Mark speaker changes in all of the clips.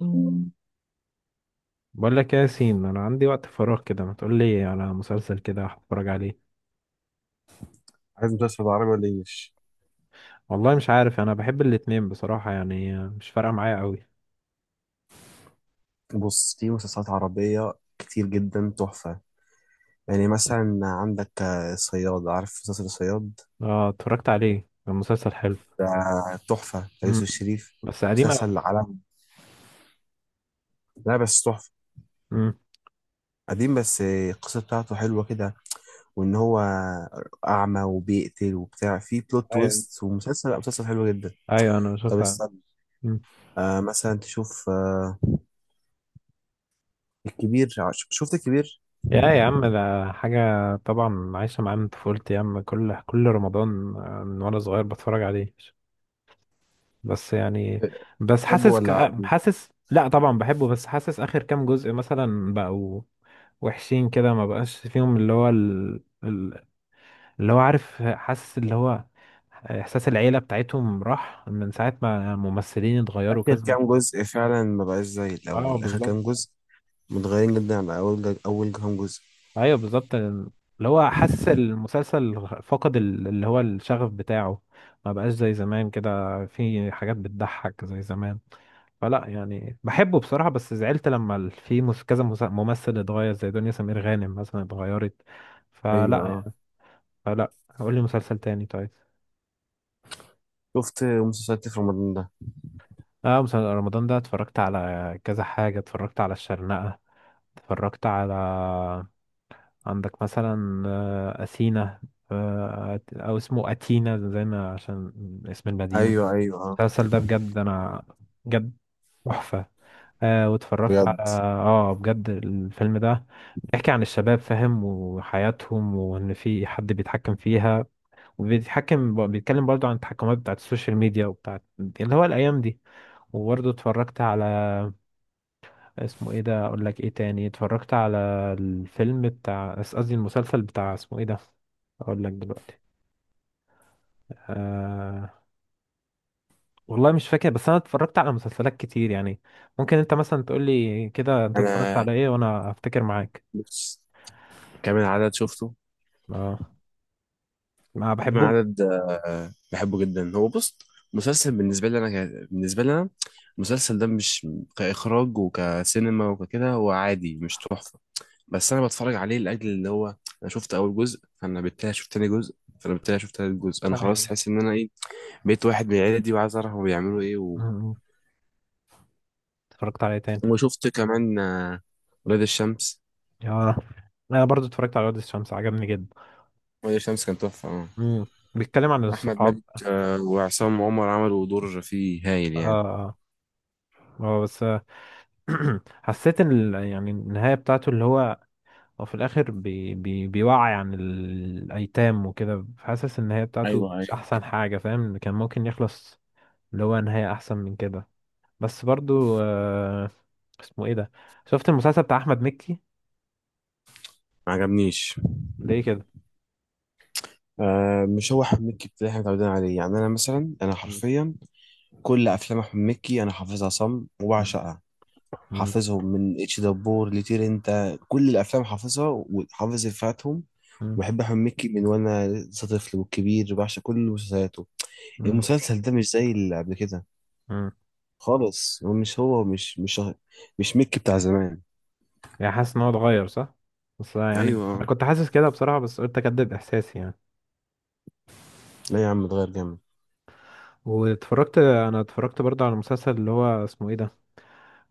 Speaker 1: مم. بقول لك إيه يا ياسين، انا عندي وقت فراغ كده، ما تقول لي على مسلسل كده هتفرج عليه؟
Speaker 2: عايز مسلسل عربي ولا انجلش؟
Speaker 1: والله مش عارف، انا بحب الاتنين بصراحة، يعني مش فارقة معايا قوي.
Speaker 2: بص، في مسلسلات عربية كتير جدا تحفة. يعني مثلا عندك صياد. عارف مسلسل صياد؟
Speaker 1: اه، اتفرجت عليه، كان مسلسل حلو.
Speaker 2: ده تحفة بتاع يوسف
Speaker 1: امم
Speaker 2: الشريف.
Speaker 1: بس قديم قوي.
Speaker 2: مسلسل عالمي، لا بس تحفة.
Speaker 1: امم.
Speaker 2: قديم بس القصة بتاعته حلوة كده، وإن هو أعمى وبيقتل وبتاع، في بلوت
Speaker 1: ايوه،
Speaker 2: تويست، ومسلسل، لا، مسلسل حلو جدا.
Speaker 1: ايوه، انا
Speaker 2: طب
Speaker 1: شفت.
Speaker 2: استنى.
Speaker 1: امم.
Speaker 2: مثلا تشوف الكبير. شفت الكبير؟
Speaker 1: يا عم، ده حاجة. طبعا عايشة معاه من طفولتي يا عم، كل رمضان، من وانا صغير بتفرج عليه. بس يعني. بس
Speaker 2: تحبه
Speaker 1: حاسس
Speaker 2: ولا عادي؟
Speaker 1: لا طبعا بحبه، بس حاسس اخر كام جزء مثلا بقوا وحشين كده. ما بقاش فيهم اللي هو اللي هو، عارف، حاسس اللي هو احساس العيله بتاعتهم راح من ساعه ما الممثلين اتغيروا
Speaker 2: آخر
Speaker 1: كذا.
Speaker 2: كام جزء فعلا ما بقاش زي
Speaker 1: اه
Speaker 2: الأول، آخر
Speaker 1: بالظبط.
Speaker 2: كام جزء متغيرين جدا عن اول اول كام جزء.
Speaker 1: ايوه بالظبط، اللي هو حاسس المسلسل فقد اللي هو الشغف بتاعه. ما بقاش زي زمان كده. في حاجات بتضحك زي زمان. فلا يعني بحبه بصراحة، بس زعلت لما ال- في مس- كذا مس- ممثل اتغير، زي دنيا سمير غانم مثلا اتغيرت.
Speaker 2: ايوه،
Speaker 1: فلا.
Speaker 2: اه.
Speaker 1: فلا. قول لي مسلسل تاني طيب.
Speaker 2: شفت مسلسلات في رمضان ده؟
Speaker 1: اه، مسلسل رمضان ده اتفرجت على كذا حاجة، اتفرجت على الشرنقة. اتفرجت على، عندك مثلا أثينا، أو اسمه أتينا، زي ما، عشان اسم المدينة.
Speaker 2: ايوه، ايوه، اه،
Speaker 1: المسلسل ده بجد، أنا بجد، تحفة. واتفرجت على.
Speaker 2: بجد.
Speaker 1: اه بجد الفيلم ده بيحكي عن الشباب، فاهم، وحياتهم، وان في حد بيتحكم فيها وبيتحكم، بيتكلم برضو عن التحكمات بتاعت السوشيال ميديا وبتاعت اللي هو الايام دي. وبرضو اتفرجت على، اسمه ايه ده، اقول لك ايه تاني اتفرجت على، الفيلم بتاع، قصدي المسلسل بتاع اسمه ايه ده، اقول لك دلوقتي. آه والله مش فاكر، بس انا اتفرجت على مسلسلات كتير يعني. ممكن انت مثلا تقول لي كده انت اتفرجت
Speaker 2: انا
Speaker 1: على ايه، وانا افتكر معاك.
Speaker 2: بص، كام العدد شفته؟
Speaker 1: اه ما
Speaker 2: كام
Speaker 1: بحبوش.
Speaker 2: العدد، بحبه جدا. هو بص، مسلسل بالنسبه لي انا، المسلسل ده مش، كاخراج وكسينما وككده، هو عادي مش تحفه. بس انا بتفرج عليه لاجل اللي هو، انا شفت اول جزء، فانا بالتالي شفت تاني جزء، فانا بالتالي شفت تالت جزء، انا خلاص
Speaker 1: ايوه.
Speaker 2: حاسس ان انا ايه، بقيت واحد من العيله دي وعايز اعرف هما بيعملوا ايه و...
Speaker 1: أمم. اتفرجت عليه تاني.
Speaker 2: وشفت كمان ولاد الشمس.
Speaker 1: اه، انا برضو اتفرجت على وادي الشمس، عجبني جدا.
Speaker 2: ولاد الشمس كان تحفة، اه.
Speaker 1: امم. بيتكلم عن
Speaker 2: أحمد
Speaker 1: الصحاب.
Speaker 2: مالك وعصام عمر عملوا دور فيه هايل يعني.
Speaker 1: اه. اه بس، حسيت ان يعني النهايه بتاعته، اللي هو، هو في الاخر بي بي بيوعي عن الايتام وكده، حاسس ان النهايه بتاعته
Speaker 2: ايوه ايوه.
Speaker 1: مش احسن حاجه، فاهم، كان ممكن يخلص اللي هو نهايه احسن من كده. بس برضو اسمه ايه ده، شفت المسلسل بتاع احمد مكي؟
Speaker 2: ما عجبنيش.
Speaker 1: ليه كده؟
Speaker 2: مش هو أحمد مكي اللي احنا متعودين عليه. يعني أنا مثلا أنا
Speaker 1: مم.
Speaker 2: حرفيا كل أفلام أحمد مكي أنا حافظها صم وبعشقها.
Speaker 1: مم.
Speaker 2: حافظهم من اتش دبور لطير انت، كل الأفلام حافظها وحافظ إفيهاتهم.
Speaker 1: مم.
Speaker 2: بحب أحمد مكي من وأنا لسه طفل، والكبير بعشق كل مسلسلاته.
Speaker 1: مم.
Speaker 2: المسلسل ده مش زي اللي قبل كده
Speaker 1: مم.
Speaker 2: خالص. هو مش مش ميكي بتاع زمان.
Speaker 1: يعني حاسس ان هو اتغير، صح، بس يعني انا
Speaker 2: ايوه.
Speaker 1: كنت حاسس كده بصراحه، بس قلت اكدب احساسي يعني.
Speaker 2: لا يا عم اتغير جامد.
Speaker 1: انا اتفرجت برضه على المسلسل اللي هو اسمه ايه ده،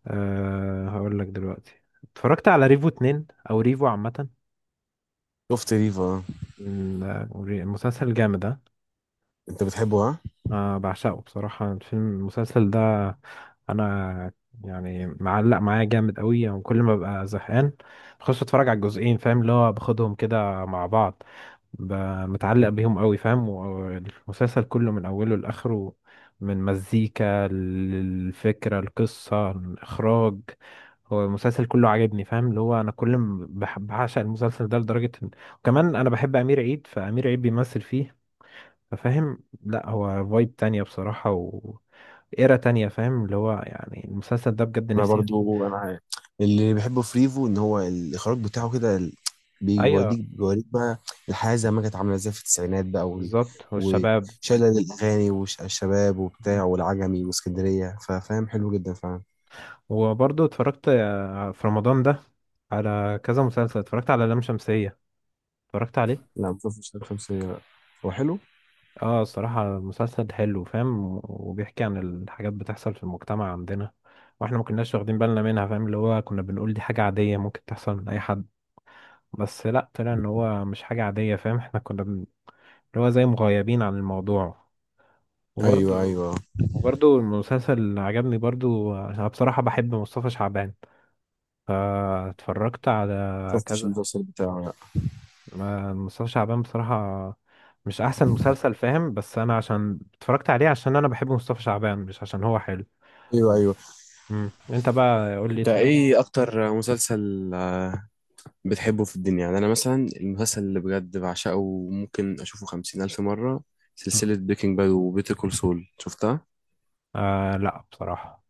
Speaker 1: هقول لك دلوقتي. اتفرجت على ريفو 2 او ريفو عامه.
Speaker 2: شفت ريفو، اه.
Speaker 1: المسلسل الجامد ده.
Speaker 2: انت بتحبه، ها؟
Speaker 1: بعشقه بصراحة، الفيلم المسلسل ده، أنا يعني معلق معايا جامد قوي يعني. كل ما ببقى زهقان بخش أتفرج على الجزئين، فاهم، اللي هو باخدهم كده مع بعض، ب- متعلق بيهم قوي، فاهم، والمسلسل كله من أوله لآخره، من مزيكا للفكرة، القصة، الإخراج، هو المسلسل كله عاجبني، فاهم، اللي هو أنا كل ما بعشق المسلسل ده لدرجة وكمان أنا بحب أمير عيد، فأمير عيد بيمثل فيه، فاهم، لا هو فايب تانية بصراحة و ايرا تانية، فاهم، اللي هو يعني المسلسل ده بجد
Speaker 2: انا
Speaker 1: نفسي.
Speaker 2: برضو انا عارف. اللي بحبه في ريفو ان هو الاخراج بتاعه كده،
Speaker 1: ايوه
Speaker 2: بيوديك بيوريك بقى الحياه زي ما كانت عامله ازاي في التسعينات بقى،
Speaker 1: بالظبط، والشباب.
Speaker 2: وشلل الاغاني والشباب وبتاع والعجمي واسكندريه، ففاهم حلو جدا فعلا.
Speaker 1: وبرضه اتفرجت في رمضان ده على كذا مسلسل، اتفرجت على لام شمسية، اتفرجت عليه.
Speaker 2: لا ما شفتش شمس الشمسية، لا. هو حلو؟
Speaker 1: اه الصراحة مسلسل حلو، فاهم، وبيحكي عن الحاجات بتحصل في المجتمع عندنا، واحنا ما كناش واخدين بالنا منها، فاهم، اللي هو كنا بنقول دي حاجة عادية ممكن تحصل من اي حد، بس لا، طلع ان هو مش حاجة عادية، فاهم، احنا كنا اللي هو زي مغيبين عن الموضوع.
Speaker 2: ايوه
Speaker 1: وبرضو
Speaker 2: ايوه.
Speaker 1: وبرضو المسلسل اللي عجبني برضو، أنا بصراحة بحب مصطفى شعبان فاتفرجت على
Speaker 2: شفتش
Speaker 1: كذا.
Speaker 2: المسلسل بتاعه، لا.
Speaker 1: مصطفى شعبان بصراحة، مش أحسن مسلسل، فاهم، بس أنا عشان اتفرجت عليه عشان أنا بحب مصطفى شعبان، مش عشان هو حلو.
Speaker 2: ايوه ايوه.
Speaker 1: مم. أنت بقى قول لي،
Speaker 2: انت
Speaker 1: اتفرجت؟
Speaker 2: ايه اكتر مسلسل بتحبه في الدنيا؟ يعني أنا مثلا المسلسل اللي بجد بعشقه وممكن أشوفه خمسين ألف مرة،
Speaker 1: مم.
Speaker 2: سلسلة بريكنج باد وبيتر كول سول. شفتها؟
Speaker 1: لا بصراحة،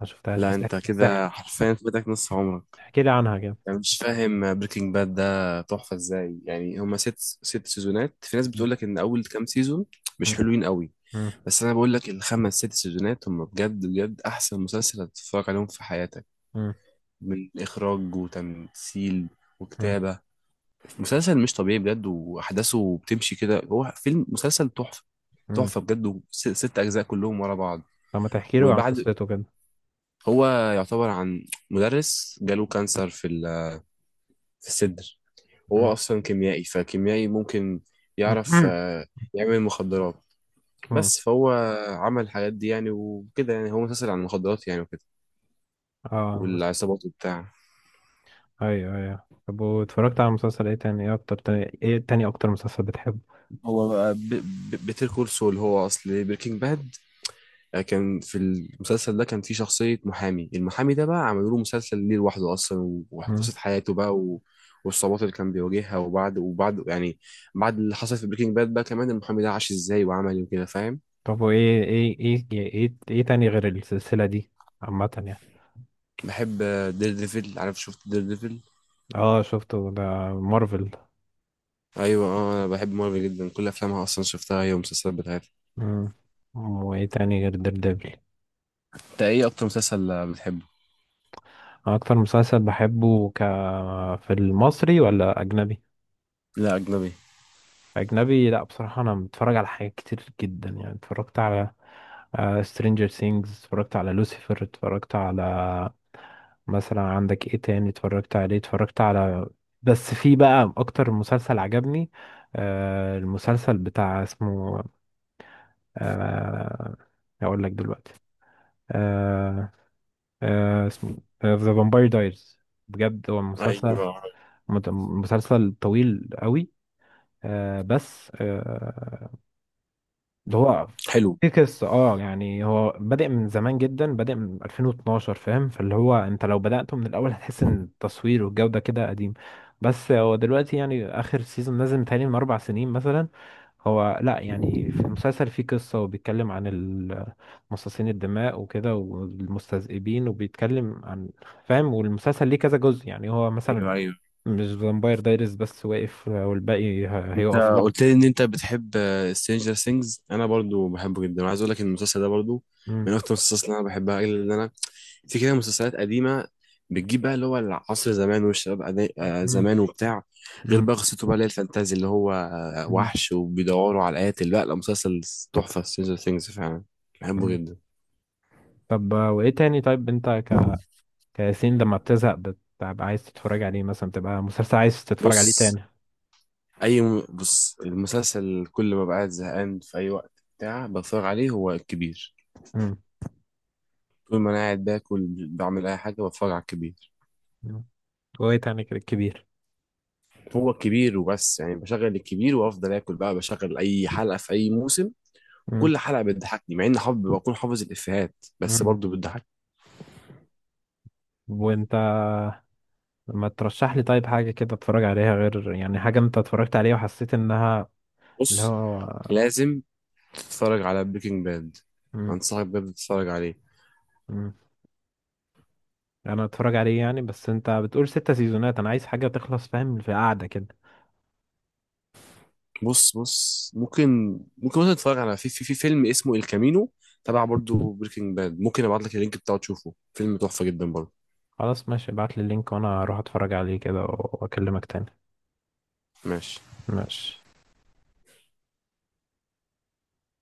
Speaker 1: ما شفتهاش،
Speaker 2: لا
Speaker 1: بس
Speaker 2: أنت
Speaker 1: احكي،
Speaker 2: كده حرفيا فاتك نص عمرك.
Speaker 1: احكي لي عنها كده.
Speaker 2: يعني مش فاهم بريكنج باد ده تحفة إزاي. يعني هما ست سيزونات، في ناس
Speaker 1: مم.
Speaker 2: بتقولك إن أول كام سيزون مش
Speaker 1: مم.
Speaker 2: حلوين قوي.
Speaker 1: مم.
Speaker 2: بس أنا بقولك الخمس ست سيزونات هما بجد بجد أحسن مسلسل هتتفرج عليهم في حياتك،
Speaker 1: مم.
Speaker 2: من إخراج وتمثيل
Speaker 1: مم.
Speaker 2: وكتابة. مسلسل مش طبيعي بجد، واحداثه بتمشي كده، هو فيلم مسلسل تحفه.
Speaker 1: مم.
Speaker 2: تحفه بجد. ست اجزاء كلهم ورا بعض.
Speaker 1: طب ما تحكي لي عن
Speaker 2: وبعد،
Speaker 1: قصته كده.
Speaker 2: هو يعتبر عن مدرس جاله كانسر في في الصدر.
Speaker 1: مم.
Speaker 2: وهو اصلا كيميائي فكيميائي ممكن يعرف
Speaker 1: مم.
Speaker 2: يعمل مخدرات.
Speaker 1: مم.
Speaker 2: بس فهو عمل الحاجات دي يعني وكده. يعني هو مسلسل عن المخدرات يعني وكده،
Speaker 1: اه بس.
Speaker 2: والعصابات وبتاع.
Speaker 1: ايوه، ايوه، طب واتفرجت على مسلسل ايه تاني، اكتر مسلسل بتحبه؟
Speaker 2: هو بيتر كول سول هو اصل بريكنج باد. كان في المسلسل ده كان في شخصية محامي، المحامي ده بقى عملوا له مسلسل ليه لوحده أصلا،
Speaker 1: مم.
Speaker 2: وقصة حياته بقى و... والصعوبات اللي كان بيواجهها. وبعد يعني، بعد اللي حصل في بريكنج باد بقى كمان، المحامي ده عاش ازاي وعمل ايه وكده، فاهم؟
Speaker 1: طب وايه ايه ايه ايه ايه إيه تاني غير السلسلة دي، عامة يعني.
Speaker 2: بحب دير ديفل. عارف؟ شفت دير ديفل؟
Speaker 1: اه شفته ده، مارفل.
Speaker 2: ايوه، اه. انا بحب مارفل جدا، كل افلامها اصلا شفتها هي والمسلسلات بتاعتها.
Speaker 1: مم. وايه تاني غير دير ديفل؟
Speaker 2: انت ايه اكتر مسلسل بتحبه؟
Speaker 1: اكتر مسلسل بحبه في المصري ولا اجنبي؟
Speaker 2: لا اجنبي.
Speaker 1: أجنبي، لأ بصراحة أنا متفرج على حاجات كتير جدا يعني، اتفرجت على سترينجر ثينجز، اتفرجت على لوسيفر، اتفرجت على، مثلا عندك ايه تاني اتفرجت عليه، اتفرجت على، بس في بقى أكتر مسلسل عجبني، المسلسل بتاع اسمه، آه هقول لك دلوقتي. آه اسمه ذا فامباير دايرز. بجد هو مسلسل،
Speaker 2: ايوه
Speaker 1: مسلسل طويل قوي. بس ده هو
Speaker 2: حلو.
Speaker 1: في قصة، اه يعني هو بادئ من زمان جدا، بادئ من 2012، فاهم، فاللي هو انت لو بدأته من الأول هتحس ان التصوير والجودة كده قديم. بس هو دلوقتي يعني آخر سيزون نازل متهيألي من 4 سنين مثلا. هو لا يعني، في المسلسل فيه قصة وبيتكلم عن مصاصين الدماء وكده، والمستذئبين، وبيتكلم عن، فاهم، والمسلسل ليه كذا جزء، يعني هو مثلا،
Speaker 2: ايوه ايوه.
Speaker 1: مش فامباير دايرز بس واقف والباقي هيقف، لا.
Speaker 2: قلت لي ان انت بتحب سترينجر ثينجز. انا برضو بحبه جدا، وعايز اقول لك ان المسلسل ده برضو
Speaker 1: مم.
Speaker 2: من اكتر المسلسلات اللي انا بحبها، الا ان انا في كده مسلسلات قديمه بتجيب بقى اللي هو العصر زمان والشباب
Speaker 1: مم.
Speaker 2: زمان وبتاع، غير بقى قصته بقى اللي هي الفانتازي اللي هو
Speaker 1: مم.
Speaker 2: وحش وبيدوروا على القاتل. لا لا، مسلسل تحفه سترينجر ثينجز فعلا، بحبه
Speaker 1: مم.
Speaker 2: جدا.
Speaker 1: طب وايه تاني طيب، انت كياسين، لما بتزهق بتبقى عايز تتفرج عليه مثلا، بتبقى مسلسل عايز تتفرج عليه
Speaker 2: بص
Speaker 1: تاني؟
Speaker 2: بص المسلسل كل ما بقعد زهقان في اي وقت بتاع بتفرج عليه، هو الكبير.
Speaker 1: امم.
Speaker 2: طول ما انا قاعد باكل بعمل اي حاجه بتفرج على الكبير.
Speaker 1: أمم. وايه تاني كده كبير؟
Speaker 2: هو الكبير وبس. يعني بشغل الكبير وافضل اكل، بقى بشغل اي حلقه في اي موسم،
Speaker 1: امم.
Speaker 2: وكل حلقه بتضحكني مع اني حافظ، بكون حافظ الافيهات، بس
Speaker 1: أمم.
Speaker 2: برضه بتضحكني.
Speaker 1: وانت ما ترشح لي طيب حاجة كده اتفرج عليها، غير يعني حاجة انت اتفرجت عليها وحسيت انها، اللي
Speaker 2: بص
Speaker 1: هو.
Speaker 2: لازم تتفرج على بريكنج باد،
Speaker 1: امم.
Speaker 2: انصحك بجد تتفرج عليه.
Speaker 1: أمم. انا اتفرج عليه يعني، بس انت بتقول 6 سيزونات، انا عايز حاجة تخلص، فاهم، في قعدة كده.
Speaker 2: بص ممكن، مثلا تتفرج على، في فيلم اسمه الكامينو، تبع برضه بريكنج باد. ممكن ابعت لك اللينك بتاعه تشوفه، فيلم تحفه جدا برضه.
Speaker 1: خلاص ماشي، ابعت لي اللينك وانا اروح اتفرج عليه كده واكلمك تاني.
Speaker 2: ماشي.
Speaker 1: ماشي.